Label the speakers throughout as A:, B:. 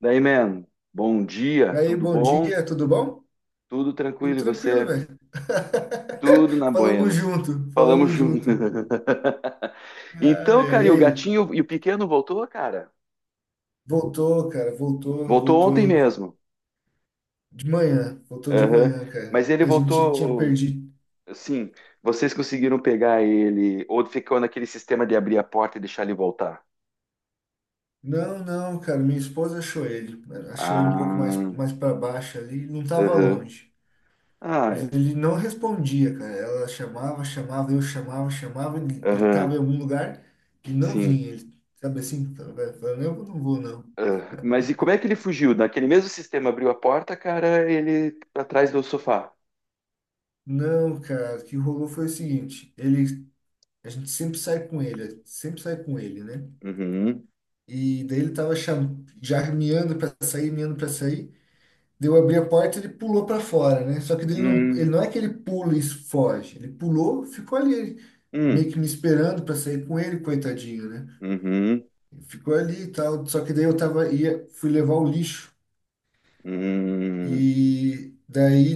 A: Daí, man, bom dia,
B: Daí,
A: tudo
B: bom
A: bom?
B: dia, tudo bom?
A: Tudo
B: Tudo
A: tranquilo e
B: tranquilo,
A: você?
B: velho.
A: Tudo na
B: Falamos
A: Buenas.
B: junto,
A: Falamos
B: falamos
A: junto.
B: junto.
A: Então,
B: Ai, ai,
A: cara, e o
B: ai.
A: gatinho e o pequeno voltou, cara?
B: Voltou, cara, voltou,
A: Voltou ontem mesmo.
B: voltou de
A: Aham.
B: manhã, cara.
A: Mas ele
B: A gente tinha
A: voltou,
B: perdido.
A: assim, vocês conseguiram pegar ele ou ficou naquele sistema de abrir a porta e deixar ele voltar?
B: Não, não, cara, minha esposa achou ele. Achou ele um pouco mais,
A: Ah,
B: mais para baixo ali, não tava
A: aham.
B: longe.
A: Ah,
B: Mas
A: é.
B: ele não respondia, cara. Ela chamava, chamava, eu chamava, chamava, ele tava
A: Aham,
B: em algum lugar e não
A: sim.
B: vinha. Ele, sabe assim, falando, eu não vou, não.
A: Ah, mas e como é que ele fugiu? Naquele mesmo sistema abriu a porta, cara, ele tá atrás do sofá.
B: Não, cara, o que rolou foi o seguinte, ele, a gente sempre sai com ele, sempre sai com ele, né?
A: Uhum.
B: E daí ele tava já miando pra sair, miando pra sair. Daí eu abri a porta, ele pulou pra fora, né? Só que daí ele
A: Hum,
B: não é que ele pula e foge, ele pulou, ficou ali
A: hum,
B: meio que me esperando pra sair com ele, coitadinho, né?
A: uhum,
B: Ficou ali e tal, só que daí eu tava ia fui levar o lixo
A: hum,
B: e daí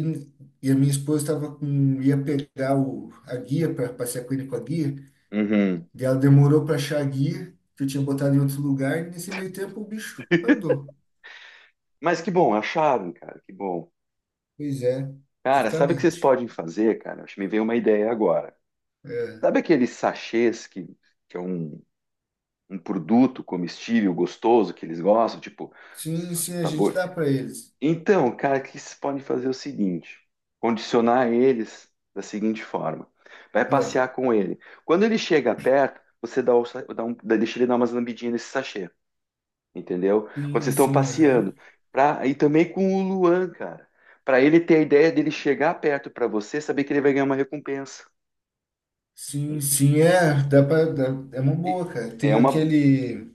B: e a minha esposa tava com ia pegar o a guia para passear com ele com a guia.
A: uhum.
B: E ela demorou para achar a guia, que eu tinha botado em outro lugar, e nesse meio tempo o bicho andou.
A: Mas que bom, acharam, cara, que bom.
B: Pois é,
A: Cara, sabe o que vocês
B: justamente.
A: podem fazer, cara? Acho que me veio uma ideia agora.
B: É.
A: Sabe aqueles sachês que é um produto comestível gostoso que eles gostam, tipo
B: Sim,
A: sa-
B: sim, a gente
A: sabor?
B: dá para eles.
A: Então, cara, o que vocês podem fazer é o seguinte: condicionar eles da seguinte forma. Vai
B: Ah,
A: passear com ele. Quando ele chega perto, você dá, o sa- dá um, deixa ele dar umas lambidinhas nesse sachê. Entendeu? Quando vocês
B: sim,
A: estão
B: sim, aham.
A: passeando, pra, e também com o Luan, cara, para ele ter a ideia dele chegar perto para você, saber que ele vai ganhar uma recompensa.
B: Sim, sim, é, dá para, é uma
A: E-
B: boa, cara.
A: é
B: Tem
A: uma.
B: aquele,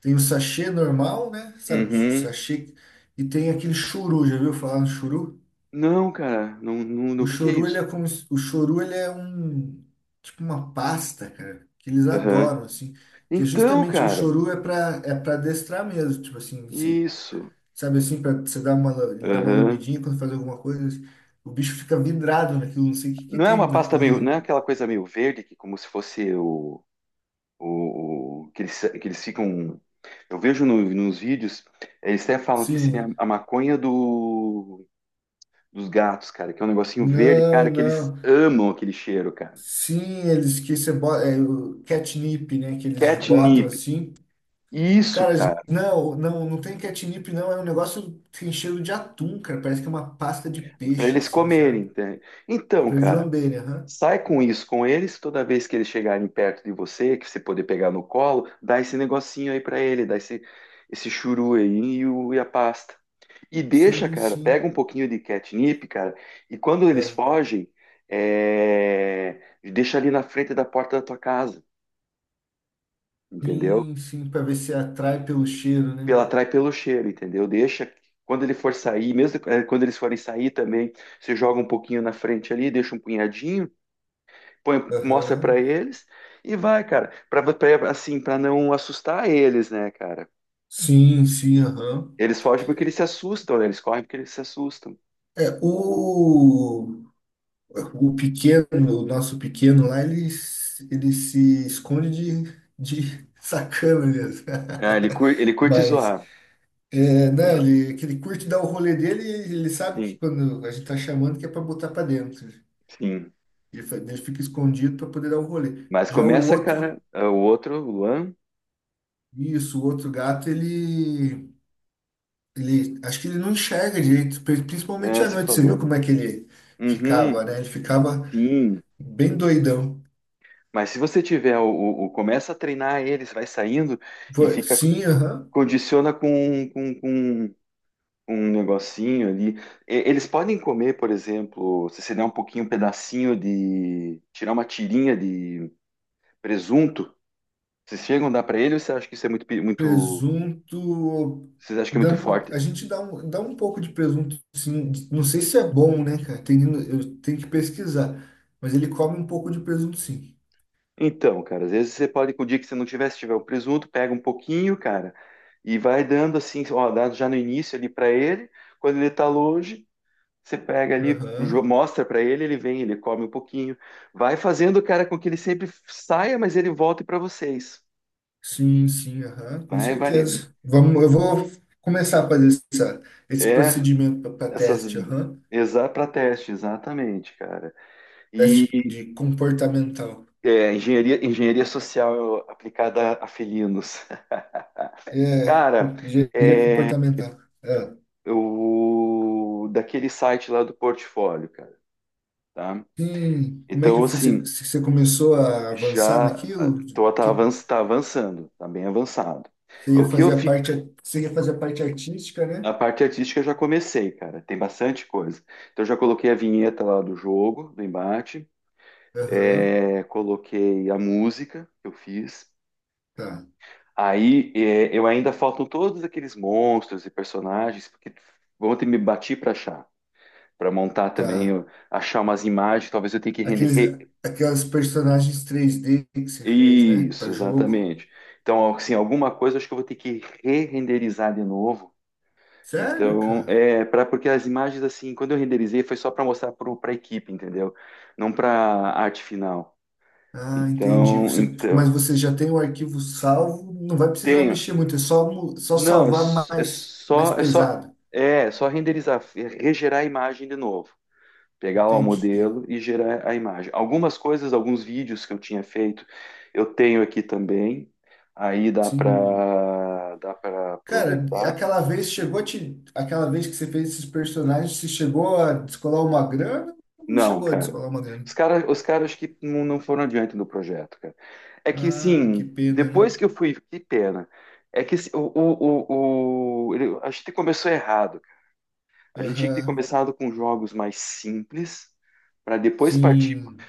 B: tem o sachê normal, né? Sabe, o
A: Uhum.
B: sachê, e tem aquele churu, já viu falar no churu?
A: Não, cara, não, não, não-
B: O
A: o que que é
B: choru, ele
A: isso?
B: é como, o choru, ele é um, tipo uma pasta, cara, que eles
A: Aham.
B: adoram, assim, que é
A: Então,
B: justamente, o
A: cara,
B: choru é pra adestrar mesmo, tipo assim, você,
A: isso.
B: sabe assim, pra você dar uma, ele dá uma
A: Aham.
B: lambidinha quando faz alguma coisa, assim, o bicho fica vidrado naquilo, não sei o que que
A: Não é
B: tem
A: uma pasta meio, não é
B: naquilo.
A: aquela coisa meio verde que como se fosse o que eles ficam. Eu vejo no- nos vídeos, eles até falam que seria
B: Sim,
A: a maconha do dos gatos, cara, que é um negocinho verde,
B: não,
A: cara, que eles
B: não.
A: amam aquele cheiro, cara.
B: Sim, eles que você bota, é o catnip, né, que eles botam
A: Catnip.
B: assim.
A: Isso,
B: Cara,
A: cara,
B: não, não, não tem catnip, não. É um negócio que tem cheiro de atum, cara. Parece que é uma pasta de
A: para
B: peixe,
A: eles
B: assim,
A: comerem,
B: sabe?
A: entende?
B: É
A: Então,
B: pra eles
A: cara,
B: lamberem, aham.
A: sai com isso com eles, toda vez que eles chegarem perto de você, que você poder pegar no colo, dá esse negocinho aí para ele, dá esse churu aí e, o- e a pasta. E deixa,
B: Sim,
A: cara,
B: sim.
A: pega um pouquinho de catnip, cara, e quando eles
B: Ah,
A: fogem, é, deixa ali na frente da porta da tua casa, entendeu?
B: sim, sim, pra ver se atrai pelo cheiro, né?
A: Pela atrai pelo cheiro, entendeu? Deixa quando ele for sair, mesmo quando eles forem sair também, você joga um pouquinho na frente ali, deixa um punhadinho, põe, mostra pra
B: Aham.
A: eles e vai, cara, pra pra- assim, para não assustar eles, né, cara?
B: Sim, sim, aham.
A: Eles fogem porque eles se assustam, né? Eles correm porque eles se assustam.
B: É, o pequeno, o nosso pequeno lá, ele, ele se esconde de sacana mesmo.
A: Ah, ele curte
B: Mas.
A: zoar.
B: É, né, ele, que ele curte dar o rolê dele e ele sabe que
A: Sim,
B: quando a gente tá chamando que é para botar para dentro.
A: sim.
B: Ele, ele fica escondido para poder dar o rolê.
A: Mas
B: Já o
A: começa,
B: outro,
A: cara, ah, o outro, o Luan,
B: isso, o outro gato, ele, acho que ele não enxerga direito, principalmente
A: é,
B: à
A: você
B: noite. Você viu
A: falou.
B: como é que ele
A: Uhum,
B: ficava, né? Ele ficava
A: sim.
B: bem doidão.
A: Mas se você tiver o começa a treinar eles, vai saindo e fica
B: Sim, aham.
A: condiciona com um negocinho ali. E- eles podem comer, por exemplo, se você der um pouquinho, um pedacinho de, tirar uma tirinha de presunto, vocês chegam a dar para ele ou você acha que isso é muito, pe- muito,
B: Presunto.
A: vocês acham que é muito forte?
B: A gente dá um pouco de presunto, sim. Não sei se é bom, né, cara? Tem, eu tenho que pesquisar. Mas ele come um pouco de presunto, sim.
A: Então, cara, às vezes você pode, com o dia que você não tiver, se tiver o presunto, pega um pouquinho, cara, e vai dando assim, ó, dá já no início ali para ele, quando ele tá longe. Você pega ali, jo-
B: Aham.
A: mostra para ele, ele vem, ele come um pouquinho, vai fazendo, o cara, com que ele sempre saia, mas ele volte para vocês.
B: Sim, sim, aham. Com
A: Vai, vai.
B: certeza. Vamos, eu vou começar a fazer essa, esse
A: É,
B: procedimento para
A: essas.
B: teste, aham.
A: Exa para teste, exatamente, cara.
B: Teste
A: E
B: de comportamental.
A: é, engenharia social aplicada a felinos.
B: É,
A: Cara,
B: engenharia comportamental. É.
A: o daquele site lá do portfólio, cara, tá?
B: Sim, como é que
A: Então, assim,
B: você, se você começou a avançar
A: já
B: naquilo?
A: tô, tá, avan- tá avançando, tá bem avançado.
B: Você ia
A: O que eu,
B: fazer a
A: fi-
B: parte, você ia fazer a parte artística, né?
A: a parte artística eu já comecei, cara. Tem bastante coisa. Então eu já coloquei a vinheta lá do jogo, do embate.
B: Aham,
A: É, coloquei a música que eu fiz.
B: tá,
A: Aí é, eu ainda faltam todos aqueles monstros e personagens porque vão ter que me bater para achar, para montar também,
B: tá.
A: eu- achar umas imagens. Talvez eu tenha que render.
B: Aqueles,
A: Re-
B: aquelas personagens 3D que você fez, né?
A: isso,
B: Para jogo.
A: exatamente. Então, assim, alguma coisa eu acho que eu vou ter que re-renderizar de novo.
B: Sério,
A: Então,
B: cara?
A: é para porque as imagens assim, quando eu renderizei foi só para mostrar para a equipe, entendeu? Não para arte final.
B: Ah, entendi.
A: Então,
B: Você, mas
A: então
B: você já tem o arquivo salvo, não vai precisar
A: tenho.
B: mexer muito, é só, só
A: Não, é,
B: salvar
A: s- é
B: mais, mais
A: só é só
B: pesado.
A: é só renderizar, é regerar a imagem de novo. Pegar lá o
B: Entendi.
A: modelo e gerar a imagem. Algumas coisas, alguns vídeos que eu tinha feito, eu tenho aqui também. Aí dá
B: Sim.
A: para dá para
B: Cara,
A: aproveitar.
B: aquela vez chegou a te, aquela vez que você fez esses personagens, você chegou a descolar uma grana ou não
A: Não,
B: chegou a
A: cara.
B: descolar uma grana?
A: Os cara, os caras que não, não foram adiante no projeto, cara. É que,
B: Ah, que
A: sim,
B: pena, né?
A: depois que eu fui, que pena. É que assim, o ele- a gente começou errado. A gente tinha que ter
B: Aham.
A: começado com jogos mais simples, para depois partir.
B: Sim,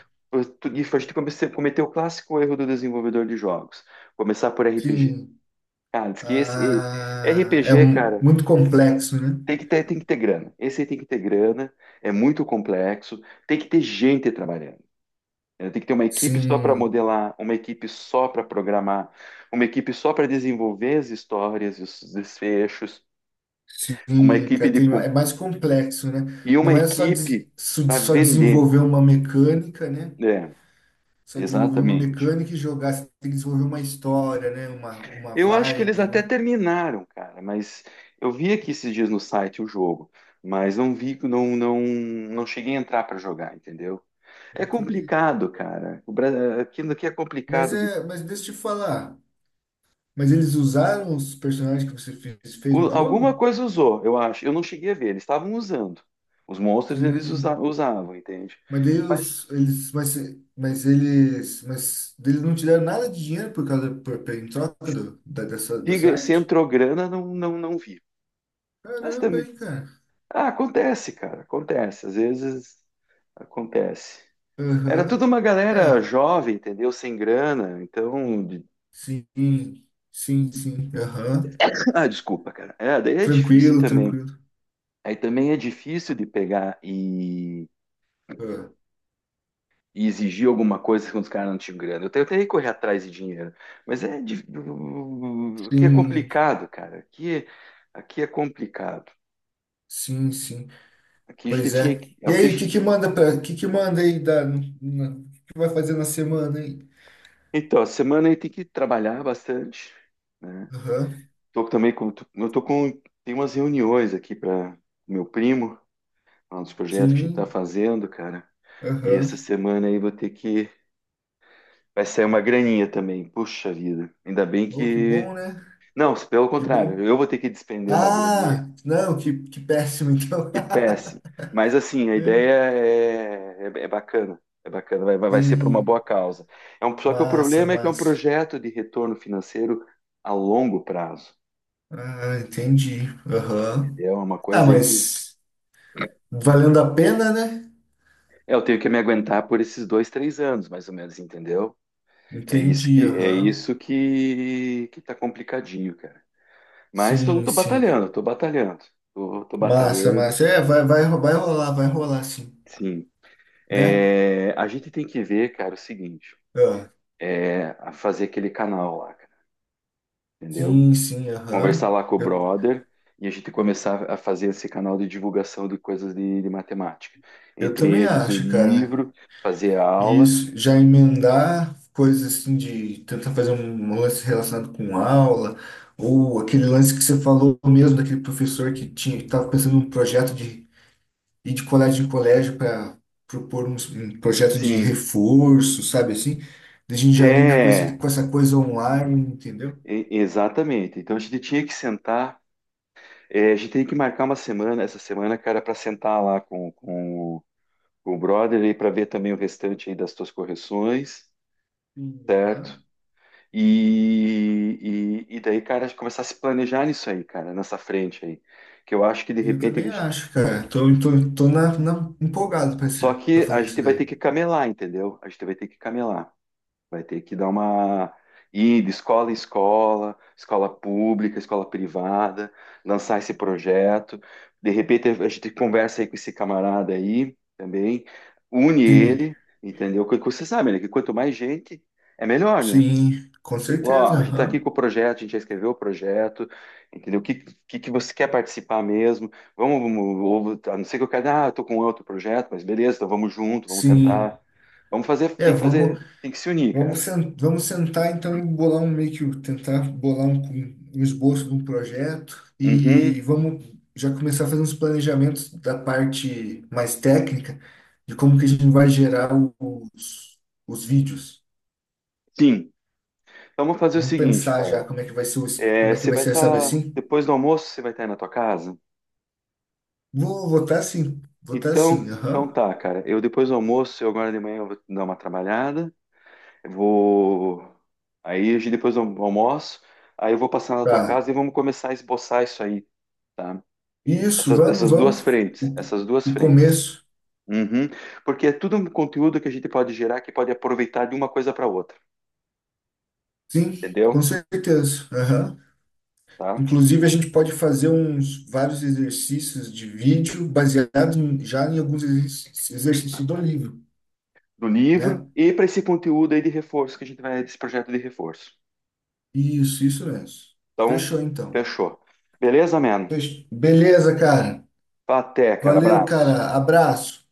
A: E a gente comece- cometeu o clássico erro do desenvolvedor de jogos. Começar por RPG.
B: sim.
A: Cara, diz que esse e-
B: Ah,
A: RPG, cara,
B: muito complexo, né?
A: tem que ter grana. Esse aí tem que ter grana, é muito complexo, tem que ter gente trabalhando. Ela tem que ter uma equipe só para
B: Sim,
A: modelar, uma equipe só para programar, uma equipe só para desenvolver as histórias e os desfechos, uma
B: sim,
A: equipe
B: cara,
A: de
B: é
A: com-
B: mais complexo, né?
A: e uma
B: Não é só,
A: equipe para
B: só
A: vender.
B: desenvolver uma mecânica, né?
A: É,
B: Só desenvolver uma
A: exatamente.
B: mecânica e jogar, você tem que desenvolver uma história, né? Uma
A: Eu acho que eles
B: vibe,
A: até
B: né?
A: terminaram, cara, mas eu vi aqui esses dias no site o jogo, mas não vi, não, não, não cheguei a entrar para jogar, entendeu? É
B: Entendi.
A: complicado, cara. O Bra- aquilo aqui é
B: Mas
A: complicado.
B: é, mas deixa eu te falar. Mas eles usaram os personagens que você fez, fez
A: O-
B: no
A: alguma
B: jogo?
A: coisa usou, eu acho. Eu não cheguei a ver, eles estavam usando. Os monstros eles usa-
B: Sim.
A: usavam, entende?
B: Mas daí
A: Mas
B: os, eles, mas eles não te deram nada de dinheiro por causa, em troca do, da, dessa, dessa
A: diga, se
B: arte?
A: entrou grana, não, não, não vi. Mas
B: Caramba,
A: também.
B: hein, cara.
A: Ah, acontece, cara, acontece. Às vezes acontece. Era
B: Aham.
A: tudo uma galera
B: É,
A: jovem, entendeu? Sem grana, então. De-
B: sim, sim, sim. Aham.
A: ah, desculpa, cara. É, daí é difícil
B: Tranquilo,
A: também.
B: tranquilo.
A: Aí também é difícil de pegar
B: Ah,
A: e exigir alguma coisa quando os caras não tinham grana. Eu tenho que correr atrás de dinheiro. Mas é. Dif- aqui é
B: sim,
A: complicado, cara. Aqui, aqui é complicado.
B: sim, sim.
A: Aqui a gente
B: Pois
A: tinha
B: é.
A: que. É
B: E
A: o que a
B: aí, o que
A: gente-
B: que manda pra, o que que vai fazer na semana aí?
A: então, a semana aí tem que trabalhar bastante, né?
B: Aham.
A: Tô também com. Tô- eu tô com. Tem umas reuniões aqui para meu primo, um dos projetos que a gente tá
B: Sim,
A: fazendo, cara. E essa
B: aham.
A: semana aí vou ter que. Vai sair uma graninha também. Puxa vida. Ainda bem
B: Oh, que
A: que.
B: bom, né?
A: Não, pelo
B: Que bom.
A: contrário, eu vou ter que despender uma graninha.
B: Ah, não, que péssimo, então.
A: Que péssimo. Mas assim, a ideia é bacana, é bacana, vai, vai ser para uma boa
B: Sim,
A: causa. É um, só que o
B: massa,
A: problema é que é um
B: massa.
A: projeto de retorno financeiro a longo prazo,
B: Ah, entendi. Aham.
A: entendeu? É uma
B: Ah,
A: coisa aí que
B: mas valendo a pena, né?
A: é, eu tenho que me aguentar por esses dois, três anos, mais ou menos, entendeu? É isso que
B: Entendi,
A: é
B: aham.
A: isso que que tá complicadinho, cara. Mas tô,
B: Sim,
A: tô
B: sim.
A: batalhando, tô batalhando, tô, tô
B: Massa,
A: batalhando.
B: massa. É, vai, vai, vai rolar, sim.
A: Sim,
B: Né?
A: é, a gente tem que ver, cara, o seguinte,
B: Ah,
A: é a fazer aquele canal lá, cara, entendeu?
B: sim, sim,
A: Conversar
B: aham.
A: lá com o
B: Eu,
A: brother e a gente começar a fazer esse canal de divulgação de coisas de matemática.
B: eu
A: Entre
B: também
A: eles o
B: acho, cara.
A: livro, fazer a aula.
B: Isso, já emendar coisas assim de tentar fazer um lance relacionado com aula, ou aquele lance que você falou mesmo daquele professor que tinha, que estava pensando num projeto de ir de colégio em colégio para propor um, projeto de
A: Sim,
B: reforço, sabe assim? Daí a gente já linka com esse,
A: é,
B: com essa coisa online, entendeu?
A: e- exatamente. Então a gente tinha que sentar, é, a gente tem que marcar uma semana, essa semana, cara, para sentar lá com com o brother e para ver também o restante aí das tuas correções,
B: Sim,
A: certo?
B: aham.
A: E daí, cara, começar a se planejar nisso aí, cara, nessa frente aí. Que eu acho que de
B: Sim, eu
A: repente
B: também acho, cara. Tô empolgado
A: só
B: para
A: que a
B: fazer
A: gente
B: isso
A: vai ter
B: daí.
A: que camelar, entendeu? A gente vai ter que camelar. Vai ter que dar uma ir de escola em escola, escola pública, escola privada, lançar esse projeto. De repente a gente conversa aí com esse camarada aí também, une
B: Sim,
A: ele, entendeu? Porque você sabe, né, que quanto mais gente, é melhor, né?
B: sim, com
A: Ó,
B: certeza,
A: a gente está aqui
B: aham.
A: com o projeto, a gente já escreveu o projeto, entendeu? O que você quer participar mesmo? Vamos, vamos- ou- a não ser que eu quero, ah, eu tô com outro projeto, mas beleza, então vamos junto, vamos
B: Sim.
A: tentar. Vamos
B: É, vamos.
A: fazer, tem que se unir,
B: Vamos,
A: cara.
B: vamos sentar então e bolar um meio que tentar bolar um, um esboço de um projeto
A: Uhum,
B: e vamos já começar a fazer uns planejamentos da parte mais técnica de como que a gente vai gerar os, os vídeos.
A: sim. Então, vamos fazer o
B: Vamos
A: seguinte,
B: pensar já
A: cara.
B: como é que vai ser o,
A: É,
B: como é que
A: você
B: vai
A: vai
B: ser, sabe
A: estar,
B: assim?
A: depois do almoço, você vai estar aí na tua casa?
B: Vou votar
A: Então,
B: sim,
A: então
B: aham.
A: tá, cara. Eu depois do almoço, eu agora de manhã eu vou dar uma trabalhada. Eu vou. Aí a gente depois eu almoço, aí eu vou passar na tua
B: Tá.
A: casa e vamos começar a esboçar isso aí, tá?
B: Isso,
A: Essas,
B: vamos,
A: essas duas
B: vamos.
A: frentes, essas duas
B: O
A: frentes.
B: começo,
A: Uhum. Porque é tudo um conteúdo que a gente pode gerar que pode aproveitar de uma coisa para outra,
B: sim, com
A: entendeu?
B: certeza. Aham.
A: Tá?
B: Inclusive, a gente pode fazer uns vários exercícios de vídeo baseados já em alguns exercícios do livro,
A: Do livro
B: né?
A: e para esse conteúdo aí de reforço que a gente vai, desse projeto de reforço.
B: Isso mesmo.
A: Então,
B: Fechou, então.
A: fechou. Beleza, mano?
B: Beleza, cara.
A: Até, cara.
B: Valeu,
A: Abraço.
B: cara. Abraço.